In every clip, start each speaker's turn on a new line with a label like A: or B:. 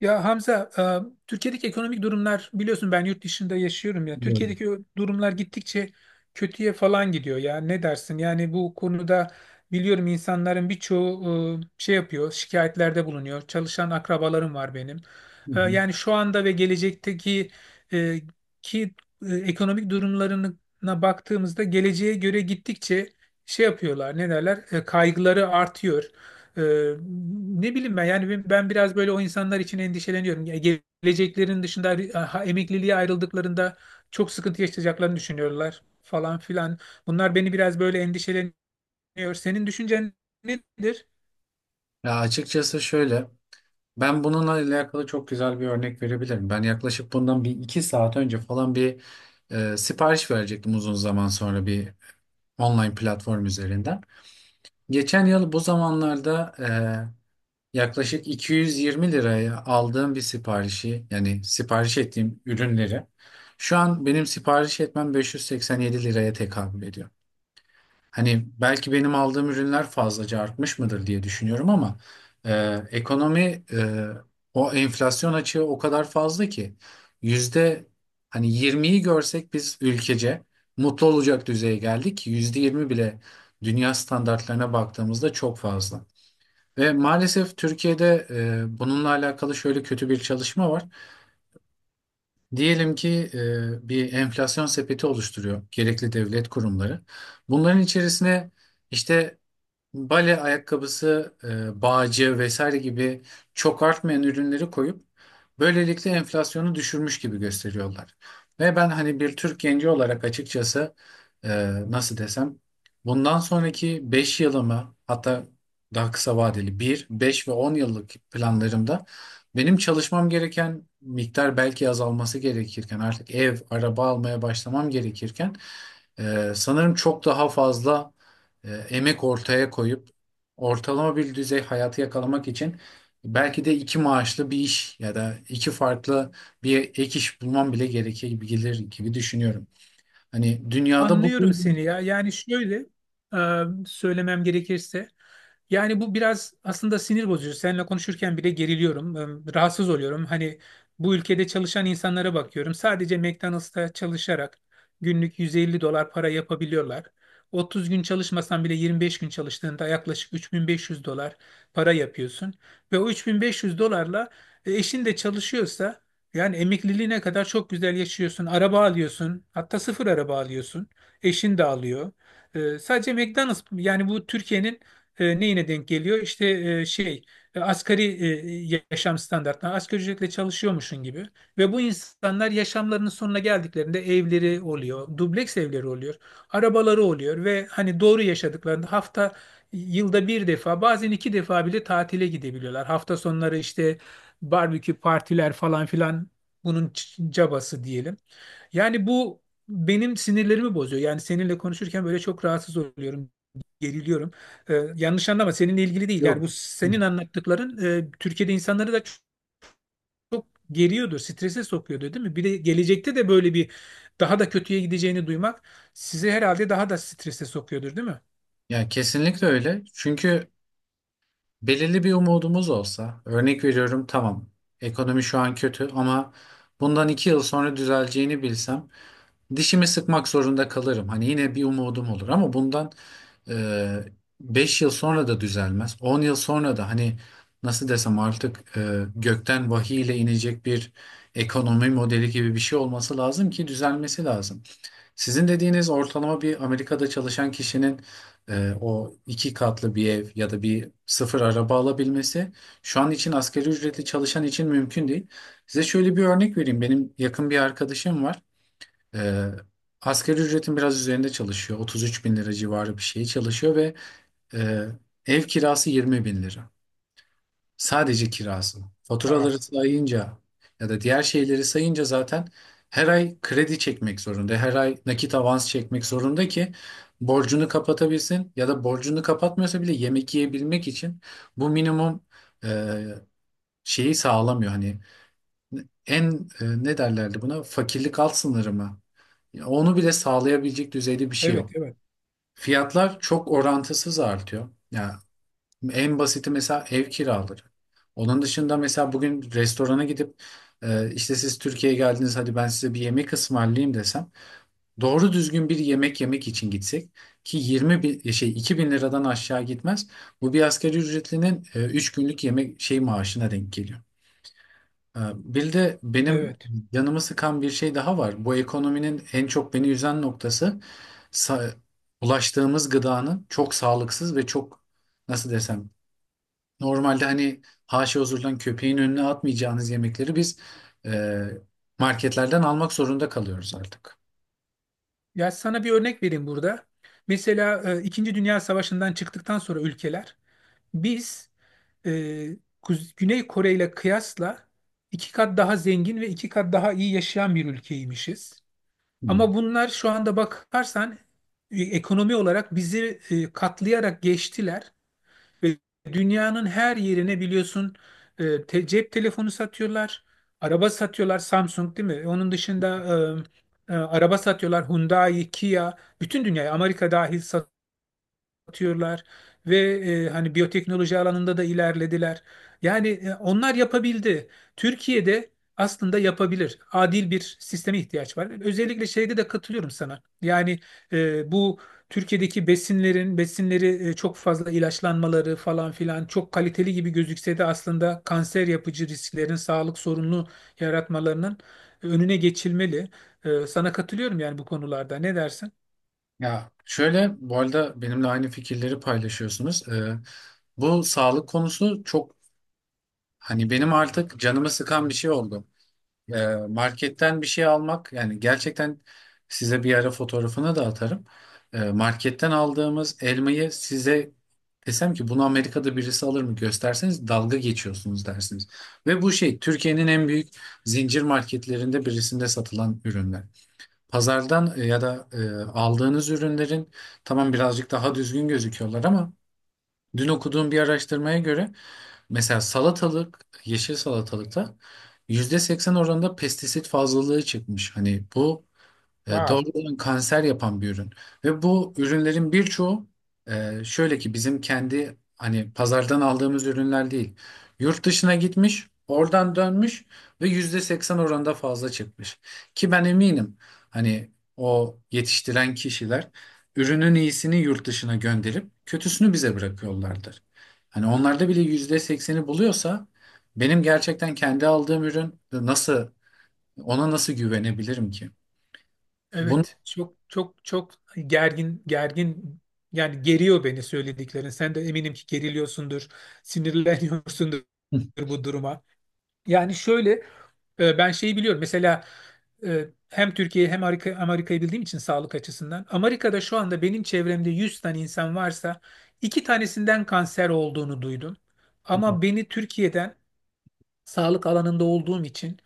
A: Ya Hamza, Türkiye'deki ekonomik durumlar biliyorsun ben yurt dışında yaşıyorum ya.
B: Biliyorum.
A: Türkiye'deki o durumlar gittikçe kötüye falan gidiyor ya. Ne dersin? Yani bu konuda biliyorum insanların birçoğu şey yapıyor, şikayetlerde bulunuyor. Çalışan akrabalarım var benim.
B: Hı hı.
A: Yani şu anda ve gelecekteki e, ki ekonomik durumlarına baktığımızda geleceğe göre gittikçe şey yapıyorlar. Ne derler? Kaygıları artıyor. Ee, Ne bileyim ben, yani ben biraz böyle o insanlar için endişeleniyorum. Ya, geleceklerin dışında, ha, emekliliğe ayrıldıklarında çok sıkıntı yaşayacaklarını düşünüyorlar falan filan. Bunlar beni biraz böyle endişeleniyor. Senin düşüncen nedir?
B: Ya açıkçası şöyle, ben bununla alakalı çok güzel bir örnek verebilirim. Ben yaklaşık bundan bir iki saat önce falan bir sipariş verecektim uzun zaman sonra bir online platform üzerinden. Geçen yıl bu zamanlarda yaklaşık 220 liraya aldığım bir siparişi, yani sipariş ettiğim ürünleri, şu an benim sipariş etmem 587 liraya tekabül ediyor. Hani belki benim aldığım ürünler fazlaca artmış mıdır diye düşünüyorum ama ekonomi, o enflasyon açığı o kadar fazla ki yüzde hani 20'yi görsek biz ülkece mutlu olacak düzeye geldik. Yüzde 20 bile dünya standartlarına baktığımızda çok fazla. Ve maalesef Türkiye'de bununla alakalı şöyle kötü bir çalışma var. Diyelim ki bir enflasyon sepeti oluşturuyor gerekli devlet kurumları. Bunların içerisine işte bale ayakkabısı, bağcı vesaire gibi çok artmayan ürünleri koyup böylelikle enflasyonu düşürmüş gibi gösteriyorlar. Ve ben hani bir Türk genci olarak açıkçası e, nasıl desem bundan sonraki 5 yılımı, hatta daha kısa vadeli bir 5 ve 10 yıllık planlarımda benim çalışmam gereken miktar belki azalması gerekirken artık ev, araba almaya başlamam gerekirken sanırım çok daha fazla emek ortaya koyup ortalama bir düzey hayatı yakalamak için belki de iki maaşlı bir iş ya da iki farklı bir ek iş bulmam bile gerekebilir gibi gelir gibi düşünüyorum. Hani dünyada bu
A: Anlıyorum seni ya. Yani şöyle, söylemem gerekirse, yani bu biraz aslında sinir bozucu. Seninle konuşurken bile geriliyorum. Rahatsız oluyorum. Hani bu ülkede çalışan insanlara bakıyorum. Sadece McDonald's'ta çalışarak günlük 150 dolar para yapabiliyorlar. 30 gün çalışmasan bile 25 gün çalıştığında yaklaşık 3.500 dolar para yapıyorsun. Ve o 3.500 dolarla, eşin de çalışıyorsa, yani emekliliğine kadar çok güzel yaşıyorsun. Araba alıyorsun. Hatta sıfır araba alıyorsun. Eşin de alıyor. Sadece McDonald's, yani bu Türkiye'nin neyine denk geliyor? İşte, asgari, yaşam standartları, asgari ücretle çalışıyormuşsun gibi. Ve bu insanlar yaşamlarının sonuna geldiklerinde evleri oluyor, dubleks evleri oluyor, arabaları oluyor ve hani doğru yaşadıklarında yılda bir defa, bazen iki defa bile tatile gidebiliyorlar. Hafta sonları işte barbekü partiler falan filan bunun cabası diyelim. Yani bu benim sinirlerimi bozuyor. Yani seninle konuşurken böyle çok rahatsız oluyorum, geriliyorum. Yanlış anlama, seninle ilgili değil. Yani
B: yok.
A: bu senin anlattıkların Türkiye'de insanları da çok geriyordur, strese sokuyordur, değil mi? Bir de gelecekte de böyle bir daha da kötüye gideceğini duymak sizi herhalde daha da strese sokuyordur, değil mi?
B: Ya kesinlikle öyle. Çünkü belirli bir umudumuz olsa, örnek veriyorum tamam, ekonomi şu an kötü ama bundan 2 yıl sonra düzeleceğini bilsem dişimi sıkmak zorunda kalırım. Hani yine bir umudum olur ama bundan 5 yıl sonra da düzelmez. 10 yıl sonra da hani nasıl desem artık gökten vahiy ile inecek bir ekonomi modeli gibi bir şey olması lazım ki düzelmesi lazım. Sizin dediğiniz ortalama bir Amerika'da çalışan kişinin o 2 katlı bir ev ya da bir sıfır araba alabilmesi şu an için asgari ücretli çalışan için mümkün değil. Size şöyle bir örnek vereyim. Benim yakın bir arkadaşım var. Ee, Asgari ücretin biraz üzerinde çalışıyor. 33 bin lira civarı bir şey çalışıyor ve e, ev kirası 20 bin lira. Sadece kirası.
A: Aa,
B: Faturaları sayınca ya da diğer şeyleri sayınca zaten her ay kredi çekmek zorunda. Her ay nakit avans çekmek zorunda ki borcunu kapatabilsin ya da borcunu kapatmıyorsa bile yemek yiyebilmek için bu minimum e, şeyi sağlamıyor. Hani en, ne derlerdi buna? Fakirlik alt sınırı mı? Ya onu bile sağlayabilecek düzeyde bir şey
A: evet,
B: yok.
A: evet,
B: Fiyatlar çok orantısız artıyor. Ya en basiti mesela ev kiraları. Onun dışında mesela bugün restorana gidip işte siz Türkiye'ye geldiniz, hadi ben size bir yemek ısmarlayayım desem, doğru düzgün bir yemek yemek için gitsek ki 20 bin, 2 bin liradan aşağı gitmez. Bu bir asgari ücretlinin 3 günlük yemek şey maaşına denk geliyor. Bir de benim
A: evet.
B: canımı sıkan bir şey daha var. Bu ekonominin en çok beni üzen noktası sa- ulaştığımız gıdanın çok sağlıksız ve çok, nasıl desem, normalde hani haşa huzurdan köpeğin önüne atmayacağınız yemekleri biz e, marketlerden almak zorunda kalıyoruz artık.
A: Ya sana bir örnek vereyim burada. Mesela, İkinci Dünya Savaşı'ndan çıktıktan sonra ülkeler, biz e, Güney Kore ile kıyasla iki kat daha zengin ve iki kat daha iyi yaşayan bir ülkeymişiz.
B: Hı.
A: Ama bunlar şu anda bakarsan ekonomi olarak bizi katlayarak geçtiler ve dünyanın her yerine biliyorsun cep telefonu satıyorlar, araba satıyorlar, Samsung, değil mi? Onun dışında araba satıyorlar, Hyundai, Kia, bütün dünyaya, Amerika dahil, atıyorlar ve hani biyoteknoloji alanında da ilerlediler. Yani onlar yapabildi. Türkiye'de aslında yapabilir. Adil bir sisteme ihtiyaç var. Özellikle şeyde de katılıyorum sana. Yani bu Türkiye'deki besinleri çok fazla ilaçlanmaları falan filan çok kaliteli gibi gözükse de aslında kanser yapıcı risklerin, sağlık sorununu yaratmalarının önüne geçilmeli. Sana katılıyorum yani bu konularda. Ne dersin?
B: Ya şöyle, bu arada benimle aynı fikirleri paylaşıyorsunuz. Bu sağlık konusu çok, hani benim artık canımı sıkan bir şey oldu. Marketten bir şey almak, yani gerçekten size bir ara fotoğrafını da atarım. Marketten aldığımız elmayı size desem ki bunu Amerika'da birisi alır mı, gösterseniz dalga geçiyorsunuz dersiniz. Ve bu şey Türkiye'nin en büyük zincir marketlerinde birisinde satılan ürünler. Pazardan ya da aldığınız ürünlerin tamam birazcık daha düzgün gözüküyorlar ama dün okuduğum bir araştırmaya göre mesela salatalık, yeşil salatalıkta %80 oranında pestisit fazlalığı çıkmış. Hani bu
A: Wow.
B: doğrudan kanser yapan bir ürün. Ve bu ürünlerin birçoğu şöyle ki bizim kendi hani pazardan aldığımız ürünler değil. Yurt dışına gitmiş, oradan dönmüş ve %80 oranında fazla çıkmış. Ki ben eminim hani o yetiştiren kişiler ürünün iyisini yurt dışına gönderip kötüsünü bize bırakıyorlardır. Hani onlarda bile %80'i buluyorsa, benim gerçekten kendi aldığım ürün nasıl, ona nasıl güvenebilirim ki? Bunu
A: Evet, çok çok çok gergin gergin, yani geriyor beni söylediklerin. Sen de eminim ki geriliyorsundur, sinirleniyorsundur bu duruma. Yani şöyle, ben şeyi biliyorum. Mesela, hem Türkiye'yi hem Amerika'yı bildiğim için, sağlık açısından. Amerika'da şu anda benim çevremde 100 tane insan varsa iki tanesinden kanser olduğunu duydum. Ama beni Türkiye'den, sağlık alanında olduğum için,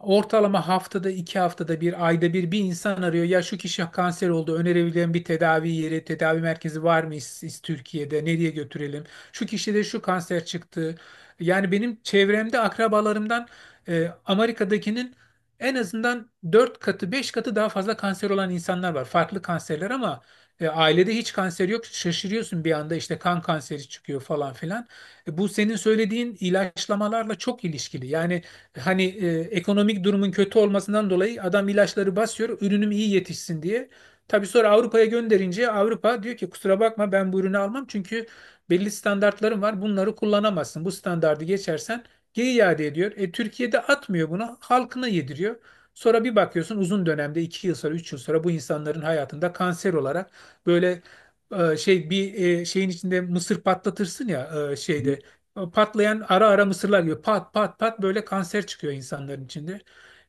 A: ortalama haftada iki, haftada bir, ayda bir, bir insan arıyor. Ya şu kişi kanser oldu, önerebileceğim bir tedavi merkezi var mı, Türkiye'de nereye götürelim? Şu kişide şu kanser çıktı. Yani benim çevremde akrabalarımdan, Amerika'dakinin en azından 4 katı 5 katı daha fazla kanser olan insanlar var. Farklı kanserler ama ailede hiç kanser yok. Şaşırıyorsun, bir anda işte kan kanseri çıkıyor falan filan. Bu senin söylediğin ilaçlamalarla çok ilişkili. Yani hani, ekonomik durumun kötü olmasından dolayı adam ilaçları basıyor, ürünüm iyi yetişsin diye. Tabii sonra Avrupa'ya gönderince Avrupa diyor ki kusura bakma, ben bu ürünü almam çünkü belli standartlarım var. Bunları kullanamazsın. Bu standardı geçersen geri iade ediyor. Türkiye'de atmıyor bunu, halkına yediriyor. Sonra bir bakıyorsun, uzun dönemde 2 yıl sonra, 3 yıl sonra bu insanların hayatında kanser olarak, böyle e, şey bir şeyin içinde mısır patlatırsın ya, şeyde o patlayan ara ara mısırlar gibi pat pat pat böyle kanser çıkıyor insanların içinde.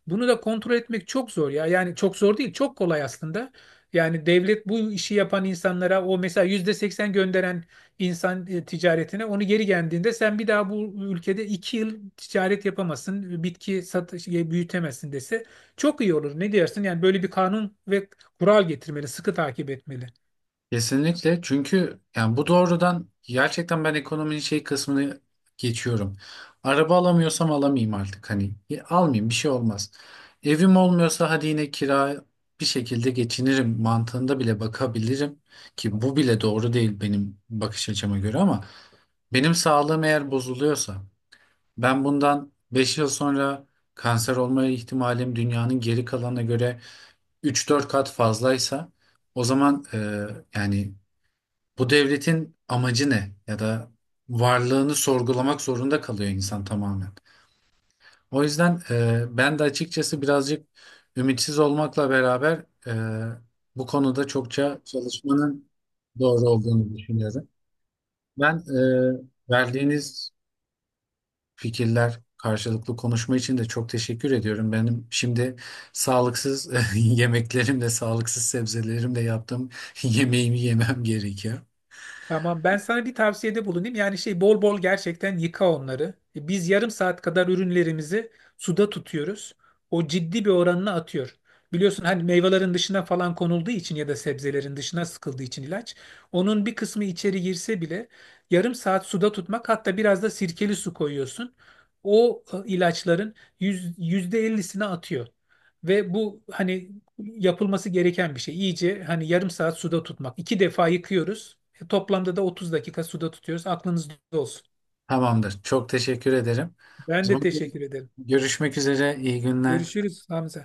A: Bunu da kontrol etmek çok zor ya. Yani çok zor değil, çok kolay aslında. Yani devlet bu işi yapan insanlara, o mesela %80 gönderen insan, ticaretine, onu geri geldiğinde sen bir daha bu ülkede 2 yıl ticaret yapamazsın, bitki satış, büyütemezsin dese çok iyi olur. Ne diyorsun? Yani böyle bir kanun ve kural getirmeli, sıkı takip etmeli.
B: Kesinlikle, çünkü yani bu doğrudan, gerçekten ben ekonominin şey kısmını geçiyorum. Araba alamıyorsam alamayayım artık, hani almayayım, bir şey olmaz. Evim olmuyorsa hadi yine kira, bir şekilde geçinirim mantığında bile bakabilirim, ki bu bile doğru değil benim bakış açıma göre, ama benim sağlığım eğer bozuluyorsa, ben bundan 5 yıl sonra kanser olma ihtimalim dünyanın geri kalanına göre üç dört kat fazlaysa, o zaman yani bu devletin amacı ne? Ya da varlığını sorgulamak zorunda kalıyor insan, tamamen. O yüzden ben de açıkçası birazcık ümitsiz olmakla beraber bu konuda çokça çalışmanın doğru olduğunu düşünüyorum. Ben verdiğiniz fikirler, karşılıklı konuşma için de çok teşekkür ediyorum. Benim şimdi sağlıksız yemeklerimle, sağlıksız sebzelerimle yaptığım yemeğimi yemem gerekiyor.
A: Tamam, ben sana bir tavsiyede bulunayım. Yani şey, bol bol gerçekten yıka onları. Biz yarım saat kadar ürünlerimizi suda tutuyoruz. O ciddi bir oranını atıyor. Biliyorsun, hani meyvelerin dışına falan konulduğu için ya da sebzelerin dışına sıkıldığı için ilaç. Onun bir kısmı içeri girse bile, yarım saat suda tutmak, hatta biraz da sirkeli su koyuyorsun. O ilaçların %50'sini atıyor. Ve bu hani yapılması gereken bir şey. İyice, hani yarım saat suda tutmak. İki defa yıkıyoruz. Toplamda da 30 dakika suda tutuyoruz. Aklınızda olsun.
B: Tamamdır. Çok teşekkür ederim. O
A: Ben de
B: zaman
A: teşekkür ederim.
B: görüşmek üzere. İyi günler.
A: Görüşürüz Hamza.